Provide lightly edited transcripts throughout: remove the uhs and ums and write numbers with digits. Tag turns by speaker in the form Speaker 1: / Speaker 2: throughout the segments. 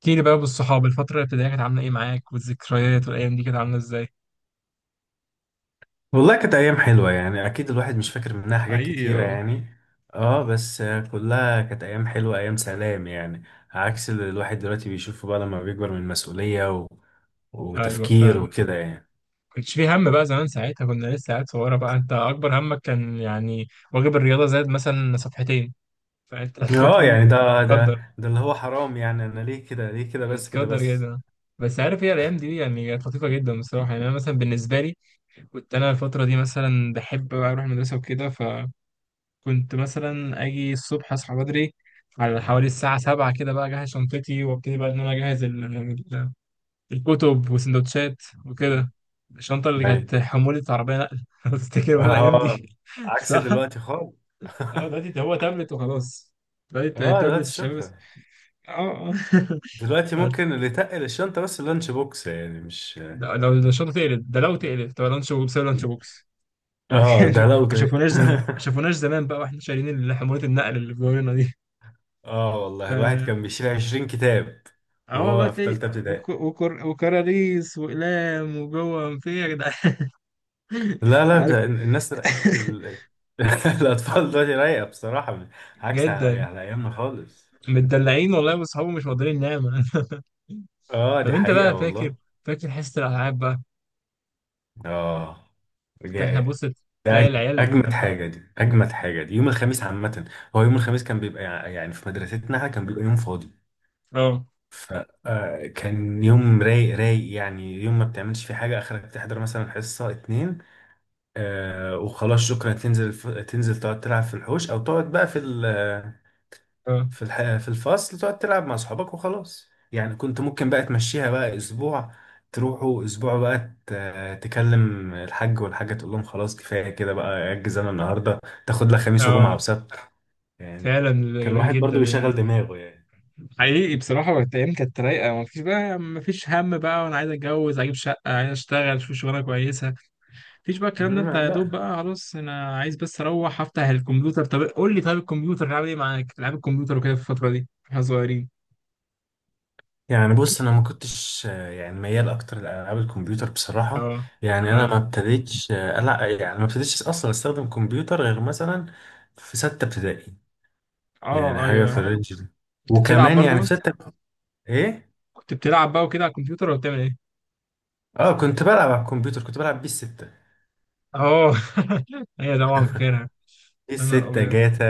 Speaker 1: احكي لي بقى بالصحاب الفترة الابتدائية كانت عاملة ايه معاك، والذكريات والأيام دي كانت عاملة ازاي؟
Speaker 2: والله كانت ايام حلوه، يعني اكيد الواحد مش فاكر منها حاجات
Speaker 1: حقيقي،
Speaker 2: كتيره
Speaker 1: اه.
Speaker 2: يعني. اه بس. كلها كانت ايام حلوه، ايام سلام يعني. عكس اللي الواحد دلوقتي بيشوفه بقى لما بيكبر من مسؤوليه و...
Speaker 1: أيوة،
Speaker 2: وتفكير
Speaker 1: فعلا.
Speaker 2: وكده يعني.
Speaker 1: كنتش في هم بقى زمان، ساعتها كنا لسه عيال صغيرة بقى. أنت أكبر همك كان يعني واجب الرياضة زاد مثلا صفحتين، فأنت
Speaker 2: اه
Speaker 1: هتكون
Speaker 2: يعني ده
Speaker 1: متقدر،
Speaker 2: ده ده اللي هو حرام، يعني انا ليه كده، ليه كده، بس كده
Speaker 1: متقدر
Speaker 2: بس.
Speaker 1: جدا. بس عارف ايه الأيام دي، يعني كانت لطيفة جدا بصراحة. يعني أنا مثلا بالنسبة لي كنت أنا الفترة دي مثلا بحب بقى أروح المدرسة وكده. كنت مثلا اجي الصبح اصحى بدري على حوالي الساعة سبعة كده، بقى اجهز شنطتي وابتدي بقى ان انا اجهز الكتب وسندوتشات وكده. الشنطة اللي
Speaker 2: ايوه.
Speaker 1: كانت حمولة عربية نقل لو تفتكر بقى الايام دي.
Speaker 2: اه عكس
Speaker 1: صح؟
Speaker 2: دلوقتي خالص.
Speaker 1: اه دلوقتي هو تابلت وخلاص. دلوقتي
Speaker 2: اه دلوقتي
Speaker 1: تابلت الشباب بس.
Speaker 2: شكرا.
Speaker 1: اه،
Speaker 2: دلوقتي
Speaker 1: اه.
Speaker 2: ممكن اللي تقل الشنطه بس اللانش بوكس، يعني مش.
Speaker 1: لو الشنطة تقلب، ده لو تقلب، طب لانش بوكس ولا لانش بوكس.
Speaker 2: اه ده لو
Speaker 1: ما
Speaker 2: ده
Speaker 1: شافوناش زمان، ما شافوناش زمان بقى واحنا شايلين حمولة النقل اللي في دورنا
Speaker 2: اه والله
Speaker 1: دي.
Speaker 2: الواحد كان بيشيل 20 كتاب
Speaker 1: اه والله
Speaker 2: وهو في
Speaker 1: تلاقي
Speaker 2: تالتة ابتدائي.
Speaker 1: وكراريس وأقلام وجوه في إيه يا جدعان.
Speaker 2: لا لا،
Speaker 1: عارف.
Speaker 2: ده الناس ال... الأطفال دلوقتي رايقة بصراحة، عكس على
Speaker 1: جدا،
Speaker 2: على أيامنا خالص.
Speaker 1: متدلعين والله واصحابه مش مقدرين نعمة.
Speaker 2: اه
Speaker 1: طب
Speaker 2: دي
Speaker 1: انت
Speaker 2: حقيقة
Speaker 1: بقى فاكر
Speaker 2: والله.
Speaker 1: فاكر حصة الألعاب بقى.
Speaker 2: اه
Speaker 1: كنت احنا بص،
Speaker 2: جاء. ده
Speaker 1: تلاقي العيال.
Speaker 2: أجمد
Speaker 1: اه،
Speaker 2: حاجة دي، أجمد حاجة دي يوم الخميس عامة. هو يوم الخميس كان بيبقى يعني في مدرستنا إحنا كان بيبقى يوم فاضي.
Speaker 1: اه،
Speaker 2: فكان يوم رايق رايق، يعني يوم ما بتعملش فيه حاجة، آخرك تحضر مثلا حصة اتنين. وخلاص شكرا، تنزل تنزل تقعد تلعب في الحوش او تقعد بقى في ال...
Speaker 1: اه،
Speaker 2: في الفصل تقعد تلعب مع اصحابك وخلاص، يعني كنت ممكن بقى تمشيها بقى اسبوع. تروحوا اسبوع بقى تكلم الحاج والحاجه، تقول لهم خلاص كفايه كده بقى، اجز انا النهارده، تاخد لك خميس وجمعه
Speaker 1: آه.
Speaker 2: وسبت يعني.
Speaker 1: فعلا.
Speaker 2: كان
Speaker 1: جميل
Speaker 2: الواحد
Speaker 1: جدا
Speaker 2: برضو
Speaker 1: الايام
Speaker 2: بيشغل
Speaker 1: دي،
Speaker 2: دماغه يعني.
Speaker 1: حقيقي بصراحة. وقت ايام كانت رايقة، مفيش هم بقى. وانا عايز اتجوز اجيب شقة، عايز اشتغل اشوف شغلانة كويسة. مفيش بقى الكلام ده، انت يا دوب
Speaker 2: لا.
Speaker 1: بقى خلاص انا عايز بس اروح افتح الكمبيوتر. طب قول لي، طيب الكمبيوتر لعب ايه معاك؟ العاب الكمبيوتر وكده في الفتره دي احنا صغيرين.
Speaker 2: يعني بص، انا ما كنتش يعني ميال اكتر لالعاب الكمبيوتر بصراحه.
Speaker 1: اه،
Speaker 2: يعني انا
Speaker 1: اه،
Speaker 2: ما ابتديتش لا يعني ما ابتديتش اصلا استخدم كمبيوتر غير مثلا في سته ابتدائي. يعني
Speaker 1: اه،
Speaker 2: حاجه في
Speaker 1: ايوه.
Speaker 2: الرينج ده.
Speaker 1: كنت بتلعب
Speaker 2: وكمان يعني في
Speaker 1: برضو؟
Speaker 2: سته. ايه.
Speaker 1: كنت بتلعب بقى وكده على الكمبيوتر ولا بتعمل ايه؟
Speaker 2: اه كنت بلعب على الكمبيوتر، كنت بلعب بيه السته.
Speaker 1: اه. هي طبعا فاكرها.
Speaker 2: بيه
Speaker 1: يا نهار
Speaker 2: السته
Speaker 1: ابيض.
Speaker 2: جاتا.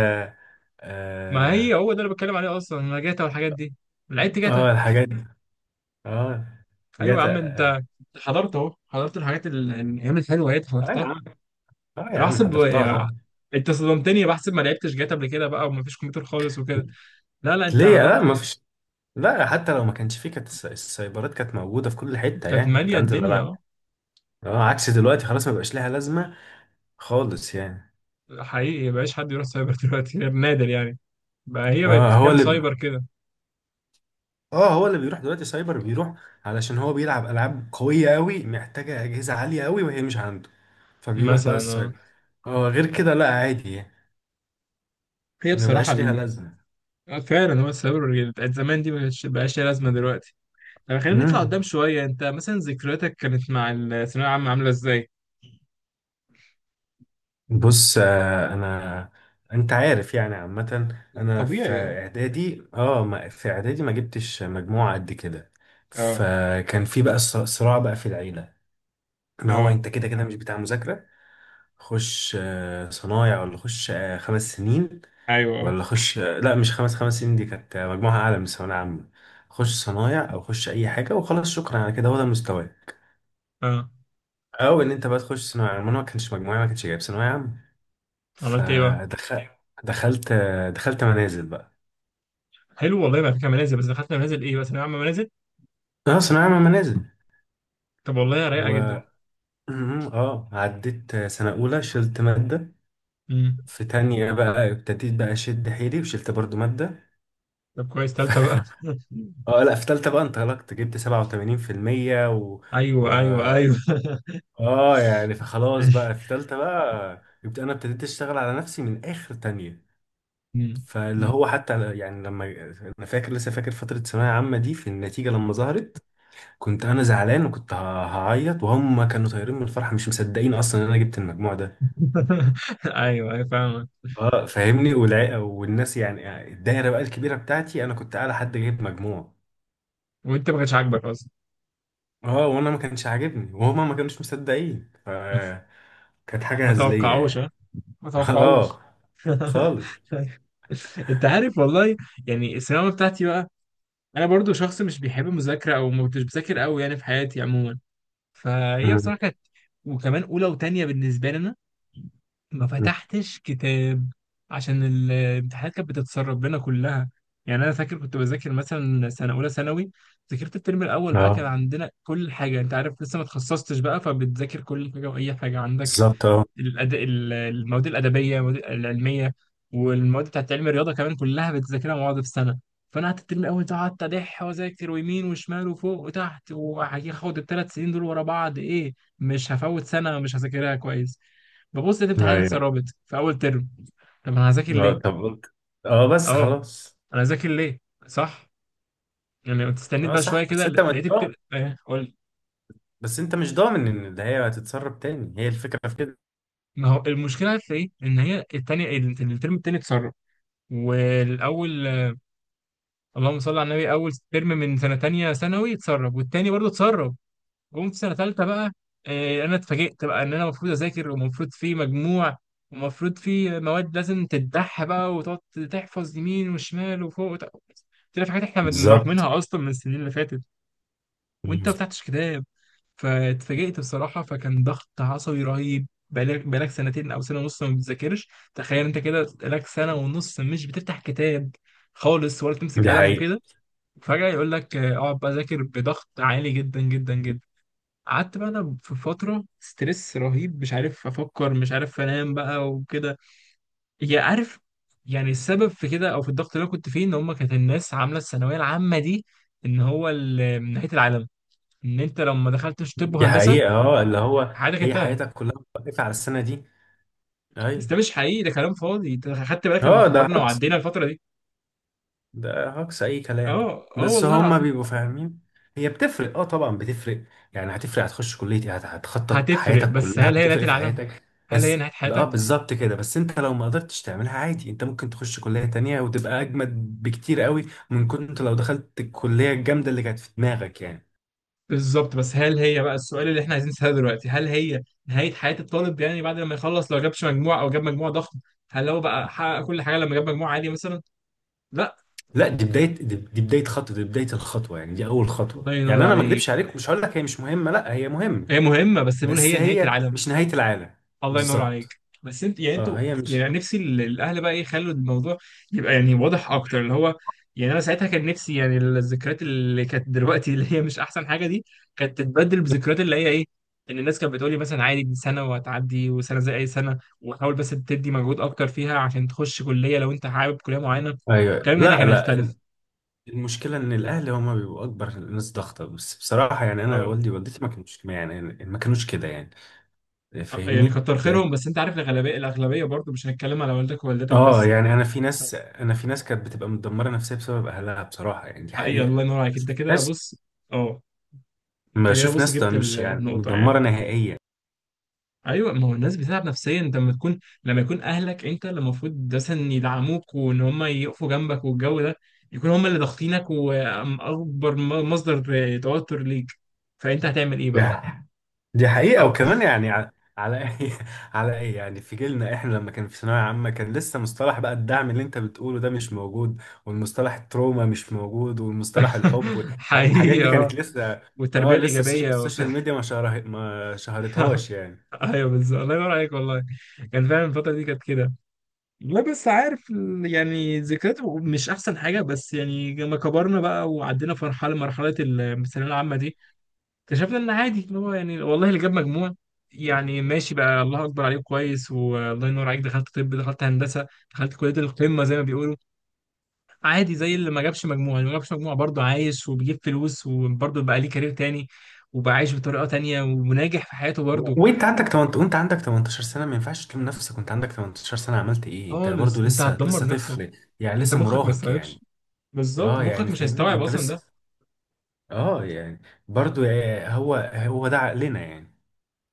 Speaker 1: ما هي
Speaker 2: اه,
Speaker 1: هو ده اللي بتكلم عليه اصلا، انا جاتا والحاجات دي. لعبت جاتا.
Speaker 2: آه الحاجات دي. اه
Speaker 1: ايوه يا
Speaker 2: جاتا
Speaker 1: عم
Speaker 2: اه.
Speaker 1: انت، حضرت اهو، حضرت الحاجات الايام الحلوه اهي،
Speaker 2: آه يا
Speaker 1: حضرتها.
Speaker 2: عم. اه يا
Speaker 1: انا
Speaker 2: عم
Speaker 1: احسب،
Speaker 2: حضرتها طبعاً.
Speaker 1: انت صدمتني بحسب ما لعبتش جاتا قبل كده بقى ومفيش كمبيوتر خالص وكده. لا لا انت
Speaker 2: ليه؟ لا
Speaker 1: حضرت.
Speaker 2: ما فيش. لا، حتى لو ما كانش فيه، كانت السايبرات كانت موجودة في كل حتة،
Speaker 1: كانت
Speaker 2: يعني كنت
Speaker 1: ماليه
Speaker 2: هنزل
Speaker 1: الدنيا،
Speaker 2: ألعب.
Speaker 1: اه.
Speaker 2: اه عكس دلوقتي خلاص، ما بقاش لها لازمة خالص يعني.
Speaker 1: حقيقي مبقاش حد يروح سايبر دلوقتي غير نادر يعني. بقى هي بقت
Speaker 2: اه هو
Speaker 1: كام
Speaker 2: اللي
Speaker 1: سايبر كده؟
Speaker 2: اه هو اللي بيروح دلوقتي سايبر، بيروح علشان هو بيلعب ألعاب قوية قوي، محتاجة أجهزة عالية قوي وهي مش عنده، فبيروح بقى
Speaker 1: مثلا، اه.
Speaker 2: السايبر. اه غير كده لا، عادي يعني.
Speaker 1: هي
Speaker 2: ما
Speaker 1: بصراحه
Speaker 2: بقاش ليها لازمة.
Speaker 1: اه فعلا، هو السايبر اللي بتاعت زمان دي بقاش ليها لازمه دلوقتي. طب خلينا نطلع
Speaker 2: مم.
Speaker 1: قدام شويه، انت مثلا ذكرياتك كانت مع الثانويه العامه عامله ازاي؟
Speaker 2: بص آه، انا انت عارف يعني عامه، انا في
Speaker 1: طبيعي، اه.
Speaker 2: اعدادي اه ما- في اعدادي ما جبتش مجموعه قد كده.
Speaker 1: اه،
Speaker 2: فكان في بقى صراع بقى في العيله، ان هو
Speaker 1: اه،
Speaker 2: انت كده كده مش بتاع مذاكره. خش صنايع ولا خش 5 سنين،
Speaker 1: ايوه، اه،
Speaker 2: ولا خش لا مش خمس سنين دي كانت مجموعه اعلى من الثانويه العامه. خش صنايع او خش اي حاجه وخلاص شكرا، على كده هو ده مستواك.
Speaker 1: اه.
Speaker 2: او ان انت بقى تخش ثانويه عامه، انا ما كانش مجموعي، ما كانش جايب ثانويه عامه.
Speaker 1: عملت ايه بقى؟
Speaker 2: فدخلت. دخلت دخلت منازل بقى.
Speaker 1: حلو والله بقى فكره منازل، بس دخلت منازل ايه بقى، ثانويه عامه منازل؟
Speaker 2: اه ثانوية عامة منازل.
Speaker 1: طب والله رايقه
Speaker 2: و
Speaker 1: جدا.
Speaker 2: مم، اه عديت سنة أولى، شلت مادة.
Speaker 1: امم.
Speaker 2: في تانية بقى ابتديت بقى أشد حيلي وشلت برضو مادة.
Speaker 1: طب كويس،
Speaker 2: ف...
Speaker 1: تالتة بقى.
Speaker 2: اه لا، في تالتة بقى انطلقت، جبت 87% و... و...
Speaker 1: ايوه ايوه ايوه.
Speaker 2: اه يعني فخلاص بقى في تالتة بقى أنا ابتديت أشتغل على نفسي من آخر تانية.
Speaker 1: مم.
Speaker 2: فاللي
Speaker 1: مم.
Speaker 2: هو حتى يعني لما. أنا لسه فاكر فترة ثانوية عامة دي، في النتيجة لما ظهرت كنت انا زعلان، وكنت هعيط، وهم كانوا طايرين من الفرحه، مش مصدقين اصلا ان انا جبت المجموع ده.
Speaker 1: ايوه ايوه فاهمك.
Speaker 2: اه فاهمني، والناس يعني الدايره بقى الكبيره بتاعتي، انا كنت اعلى حد جايب مجموع.
Speaker 1: وانت ما كانش عاجبك اصلا.
Speaker 2: اه وانا ما كانش عاجبني، وهما ما كانوش مصدقين ف كانت حاجه
Speaker 1: ما
Speaker 2: هزليه
Speaker 1: توقعوش ها،
Speaker 2: يعني.
Speaker 1: ما توقعوش.
Speaker 2: اه خالص.
Speaker 1: انت عارف والله، يعني الثانويه بتاعتي بقى، انا برضو شخص مش بيحب المذاكره، او ما كنتش بذاكر قوي يعني في حياتي عموما. فهي
Speaker 2: مم.
Speaker 1: بصراحة كانت، وكمان أولى وتانية بالنسبة لنا ما
Speaker 2: مم.
Speaker 1: فتحتش كتاب عشان الامتحانات كانت بتتسرب بينا كلها. يعني انا فاكر كنت بذاكر مثلا سنه اولى ثانوي، ذاكرت الترم الاول بقى، كان
Speaker 2: اه
Speaker 1: عندنا كل حاجه انت عارف لسه ما تخصصتش بقى، فبتذاكر كل حاجه واي حاجه عندك.
Speaker 2: بالظبط اه.
Speaker 1: المواد الأدبية، المواد العلمية، والمواد بتاعت علم الرياضة كمان، كلها بتذاكرها مع بعض في السنة. فأنا قعدت الترم الأول ده، قعدت أدح وأذاكر ويمين وشمال وفوق وتحت، وهاخد الثلاث سنين دول ورا بعض، إيه مش هفوت سنة مش هذاكرها كويس. ببص لقيت امتحانات
Speaker 2: ايوه،
Speaker 1: اتسربت في أول ترم. طب أنا هذاكر ليه؟
Speaker 2: طب قلت. اه بس
Speaker 1: أه.
Speaker 2: خلاص.
Speaker 1: أنا هذاكر ليه؟ صح؟ يعني كنت استنيت
Speaker 2: اه
Speaker 1: بقى شوية
Speaker 2: صح، بس
Speaker 1: كده،
Speaker 2: انت مش
Speaker 1: لقيت
Speaker 2: ضامن
Speaker 1: الترم إيه قول.
Speaker 2: بس انت مش ضامن ان ده هي هتتسرب تاني، هي الفكره في كده.
Speaker 1: ما هو المشكلة في إيه؟ إن هي الترم التاني اتسرب، والأول، اللهم صل على النبي، اول ترم من سنه تانية ثانوي اتسرب، والتاني برضه اتسرب. جم في سنه تالتة بقى، انا اتفاجئت بقى ان انا المفروض اذاكر، ومفروض في مجموع، ومفروض في مواد لازم تتدح بقى، وتقعد تحفظ يمين وشمال وفوق طلع في حاجات احنا
Speaker 2: بالظبط.
Speaker 1: راكمينها اصلا من السنين اللي فاتت، وانت ما فتحتش كتاب. فاتفاجئت بصراحه، فكان ضغط عصبي رهيب. بقالك سنتين او سنه ونص ما بتذاكرش، تخيل انت كده بقالك سنه ونص مش بتفتح كتاب خالص ولا تمسك
Speaker 2: دي
Speaker 1: قلم
Speaker 2: حقيقة
Speaker 1: وكده. فجأة يقول لك اقعد بقى ذاكر بضغط عالي جدا جدا جدا. قعدت بقى انا في فترة ستريس رهيب مش عارف افكر، مش عارف انام بقى وكده. يا عارف، يعني السبب في كده او في الضغط اللي انا كنت فيه، ان هم كانت الناس عاملة الثانوية العامة دي ان هو من نهاية العالم، ان انت لو ما دخلتش طب
Speaker 2: دي
Speaker 1: وهندسة
Speaker 2: حقيقة اه، اللي هو
Speaker 1: حياتك
Speaker 2: هي
Speaker 1: انتهت.
Speaker 2: حياتك كلها واقفة على السنة دي.
Speaker 1: بس
Speaker 2: ايوه.
Speaker 1: ده مش حقيقي، ده كلام فاضي. انت خدت بالك لما
Speaker 2: اه ده
Speaker 1: كبرنا
Speaker 2: هجص
Speaker 1: وعدينا الفترة دي؟
Speaker 2: ده هجص اي كلام.
Speaker 1: اه، اه،
Speaker 2: بس
Speaker 1: والله
Speaker 2: هما
Speaker 1: العظيم.
Speaker 2: بيبقوا فاهمين. هي بتفرق، طبعا بتفرق. يعني هتفرق، هتخش كلية ايه، هتخطط
Speaker 1: هتفرق،
Speaker 2: حياتك
Speaker 1: بس
Speaker 2: كلها،
Speaker 1: هل هي نهاية
Speaker 2: هتفرق في
Speaker 1: العالم؟
Speaker 2: حياتك.
Speaker 1: هل هي
Speaker 2: بس
Speaker 1: نهاية
Speaker 2: اه
Speaker 1: حياتك؟
Speaker 2: بالظبط كده، بس انت لو ما قدرتش تعملها عادي، انت ممكن تخش كلية تانية وتبقى اجمد بكتير قوي من كنت لو دخلت الكلية الجامدة اللي كانت في دماغك يعني.
Speaker 1: بالظبط، بس هل هي بقى السؤال اللي احنا عايزين نسأله دلوقتي، هل هي نهاية حياة الطالب يعني بعد لما يخلص لو جابش مجموع او جاب مجموع ضخم؟ هل هو بقى حقق كل حاجة لما جاب مجموع عالي مثلا؟ لا.
Speaker 2: لا دي بدايه دي بدايه خطوه، دي بدايه الخطوه، يعني دي اول خطوه.
Speaker 1: الله ينور
Speaker 2: يعني انا ما
Speaker 1: عليك.
Speaker 2: اكدبش عليك، مش هقول لك هي مش مهمه، لا هي مهمه،
Speaker 1: هي مهمة، بس بيقول
Speaker 2: بس
Speaker 1: هي نهاية
Speaker 2: هي
Speaker 1: العالم.
Speaker 2: مش نهايه العالم.
Speaker 1: الله ينور
Speaker 2: بالظبط
Speaker 1: عليك، بس انت يعني،
Speaker 2: اه
Speaker 1: انتوا
Speaker 2: هي مش.
Speaker 1: يعني نفسي الاهل بقى ايه يخلوا الموضوع يبقى يعني واضح اكتر اللي هو، يعني انا ساعتها كان نفسي يعني الذكريات اللي كانت دلوقتي اللي هي مش احسن حاجه دي كانت تتبدل بذكريات اللي هي ايه، ان الناس كانت بتقولي مثلا عادي، دي سنه وهتعدي، وسنه زي اي سنه، وحاول بس تدي مجهود اكتر فيها عشان تخش كليه لو انت حابب كليه معينه.
Speaker 2: ايوه
Speaker 1: الكلام هنا
Speaker 2: لا
Speaker 1: كان
Speaker 2: لا.
Speaker 1: هيختلف.
Speaker 2: المشكله ان الاهل هم بيبقوا اكبر ناس ضغطه، بس بصراحه يعني انا
Speaker 1: اه،
Speaker 2: والدي ووالدتي ما كانوش يعني، ما كانوش كده يعني.
Speaker 1: يعني
Speaker 2: فاهمني
Speaker 1: كتر
Speaker 2: لأن-.
Speaker 1: خيرهم، بس انت عارف الاغلبيه الاغلبيه برضه. مش هنتكلم على والدك ووالدتك
Speaker 2: اه
Speaker 1: بس.
Speaker 2: يعني انا في ناس كانت بتبقى متدمره نفسيا بسبب اهلها بصراحه، يعني دي
Speaker 1: حقيقه.
Speaker 2: حقيقه.
Speaker 1: الله ينور عليك. انت كده،
Speaker 2: ناس.
Speaker 1: بص، اه.
Speaker 2: ما
Speaker 1: انت جاي،
Speaker 2: بشوف
Speaker 1: بص،
Speaker 2: ناس
Speaker 1: جبت
Speaker 2: مش يعني
Speaker 1: النقطة
Speaker 2: مدمره
Speaker 1: يعني.
Speaker 2: نهائيا.
Speaker 1: ايوه، ما هو الناس بتتعب نفسيا، انت لما يكون اهلك انت اللي المفروض مثلا يدعموك وان هم يقفوا جنبك والجو ده، يكون هم اللي ضاغطينك واكبر مصدر توتر ليك. فانت هتعمل ايه بقى؟
Speaker 2: دي حقيقة،
Speaker 1: أو.
Speaker 2: وكمان يعني ع-. على ايه على ايه، يعني في جيلنا احنا لما كان في ثانوية عامة، كان لسه مصطلح بقى الدعم اللي انت بتقوله ده مش موجود، والمصطلح التروما مش موجود، والمصطلح الحب و-. يعني الحاجات
Speaker 1: حقيقي،
Speaker 2: دي
Speaker 1: اه.
Speaker 2: كانت لسه.
Speaker 1: والتربية
Speaker 2: اه لسه
Speaker 1: الإيجابية وبتاع.
Speaker 2: السوشيال ميديا ما شهرتهاش يعني.
Speaker 1: ايوه بالظبط، الله ينور عليك والله، كان فعلا الفترة دي كانت كده. لا بس عارف يعني ذكريات مش احسن حاجه، بس يعني لما كبرنا بقى وعدينا في مرحله الثانويه العامه دي، اكتشفنا ان عادي اللي هو يعني، والله اللي جاب مجموع يعني ماشي بقى الله اكبر عليك كويس، والله ينور عليك دخلت طب، دخلت هندسه، دخلت كليه القمه زي ما بيقولوا، عادي زي اللي ما جابش مجموع. اللي ما جابش مجموع برضه عايش وبيجيب فلوس وبرضه بقى ليه كارير تاني، وبقى عايش بطريقه تانيه وناجح في حياته برضه.
Speaker 2: وانت عندك 18، وانت عندك 18 سنة ما ينفعش تلوم نفسك، وانت عندك 18 سنة عملت ايه، انت
Speaker 1: خالص
Speaker 2: برضو
Speaker 1: انت
Speaker 2: لسه
Speaker 1: هتدمر
Speaker 2: لسه
Speaker 1: نفسك.
Speaker 2: طفل، يعني
Speaker 1: انت
Speaker 2: لسه
Speaker 1: مخك ما
Speaker 2: مراهق يعني.
Speaker 1: يستوعبش، بالظبط
Speaker 2: اه
Speaker 1: مخك
Speaker 2: يعني
Speaker 1: مش
Speaker 2: فاهمني،
Speaker 1: هيستوعب
Speaker 2: انت
Speaker 1: اصلا
Speaker 2: لسه.
Speaker 1: ده.
Speaker 2: اه يعني برضو هو هو ده عقلنا يعني.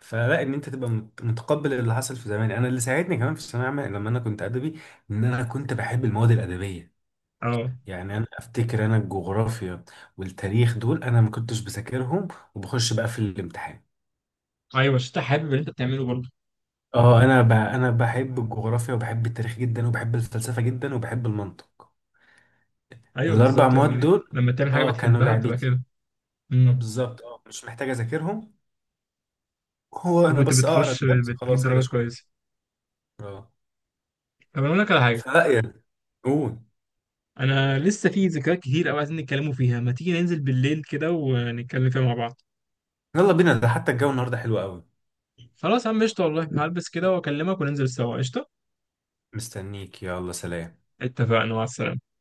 Speaker 2: فلا ان انت تبقى متقبل اللي حصل في زمان. انا اللي ساعدني كمان في الثانويه العامه لما انا كنت ادبي، ان انا كنت بحب المواد الادبيه.
Speaker 1: اه
Speaker 2: يعني انا افتكر انا الجغرافيا والتاريخ دول انا ما كنتش بذاكرهم، وبخش بقى في الامتحان.
Speaker 1: ايوه، عشان انت حابب اللي انت بتعمله برضه.
Speaker 2: اه انا بحب الجغرافيا، وبحب التاريخ جدا، وبحب الفلسفه جدا، وبحب المنطق.
Speaker 1: ايوه
Speaker 2: الاربع
Speaker 1: بالظبط،
Speaker 2: مواد
Speaker 1: لما
Speaker 2: دول
Speaker 1: لما تعمل حاجه
Speaker 2: اه كانوا
Speaker 1: بتحبها بتبقى
Speaker 2: لعبتي.
Speaker 1: كده.
Speaker 2: اه
Speaker 1: امم.
Speaker 2: بالظبط، اه مش محتاج اذاكرهم. هو انا
Speaker 1: وكنت
Speaker 2: بس اقرا
Speaker 1: بتخش
Speaker 2: الدرس
Speaker 1: بتجيب
Speaker 2: خلاص كده
Speaker 1: درجات
Speaker 2: شكرا.
Speaker 1: كويسه.
Speaker 2: اه
Speaker 1: طب انا اقول لك على حاجه،
Speaker 2: فلا يعني. قول.
Speaker 1: انا لسه في ذكريات كتير قوي عايزين نتكلموا فيها، ما تيجي ننزل بالليل كده ونتكلم فيها مع بعض.
Speaker 2: يلا بينا، ده حتى الجو النهارده حلو قوي.
Speaker 1: خلاص يا عم قشطه والله، هلبس كده واكلمك وننزل سوا قشطه.
Speaker 2: مستنيك، يلا سلام.
Speaker 1: اتفقنا، مع السلامه.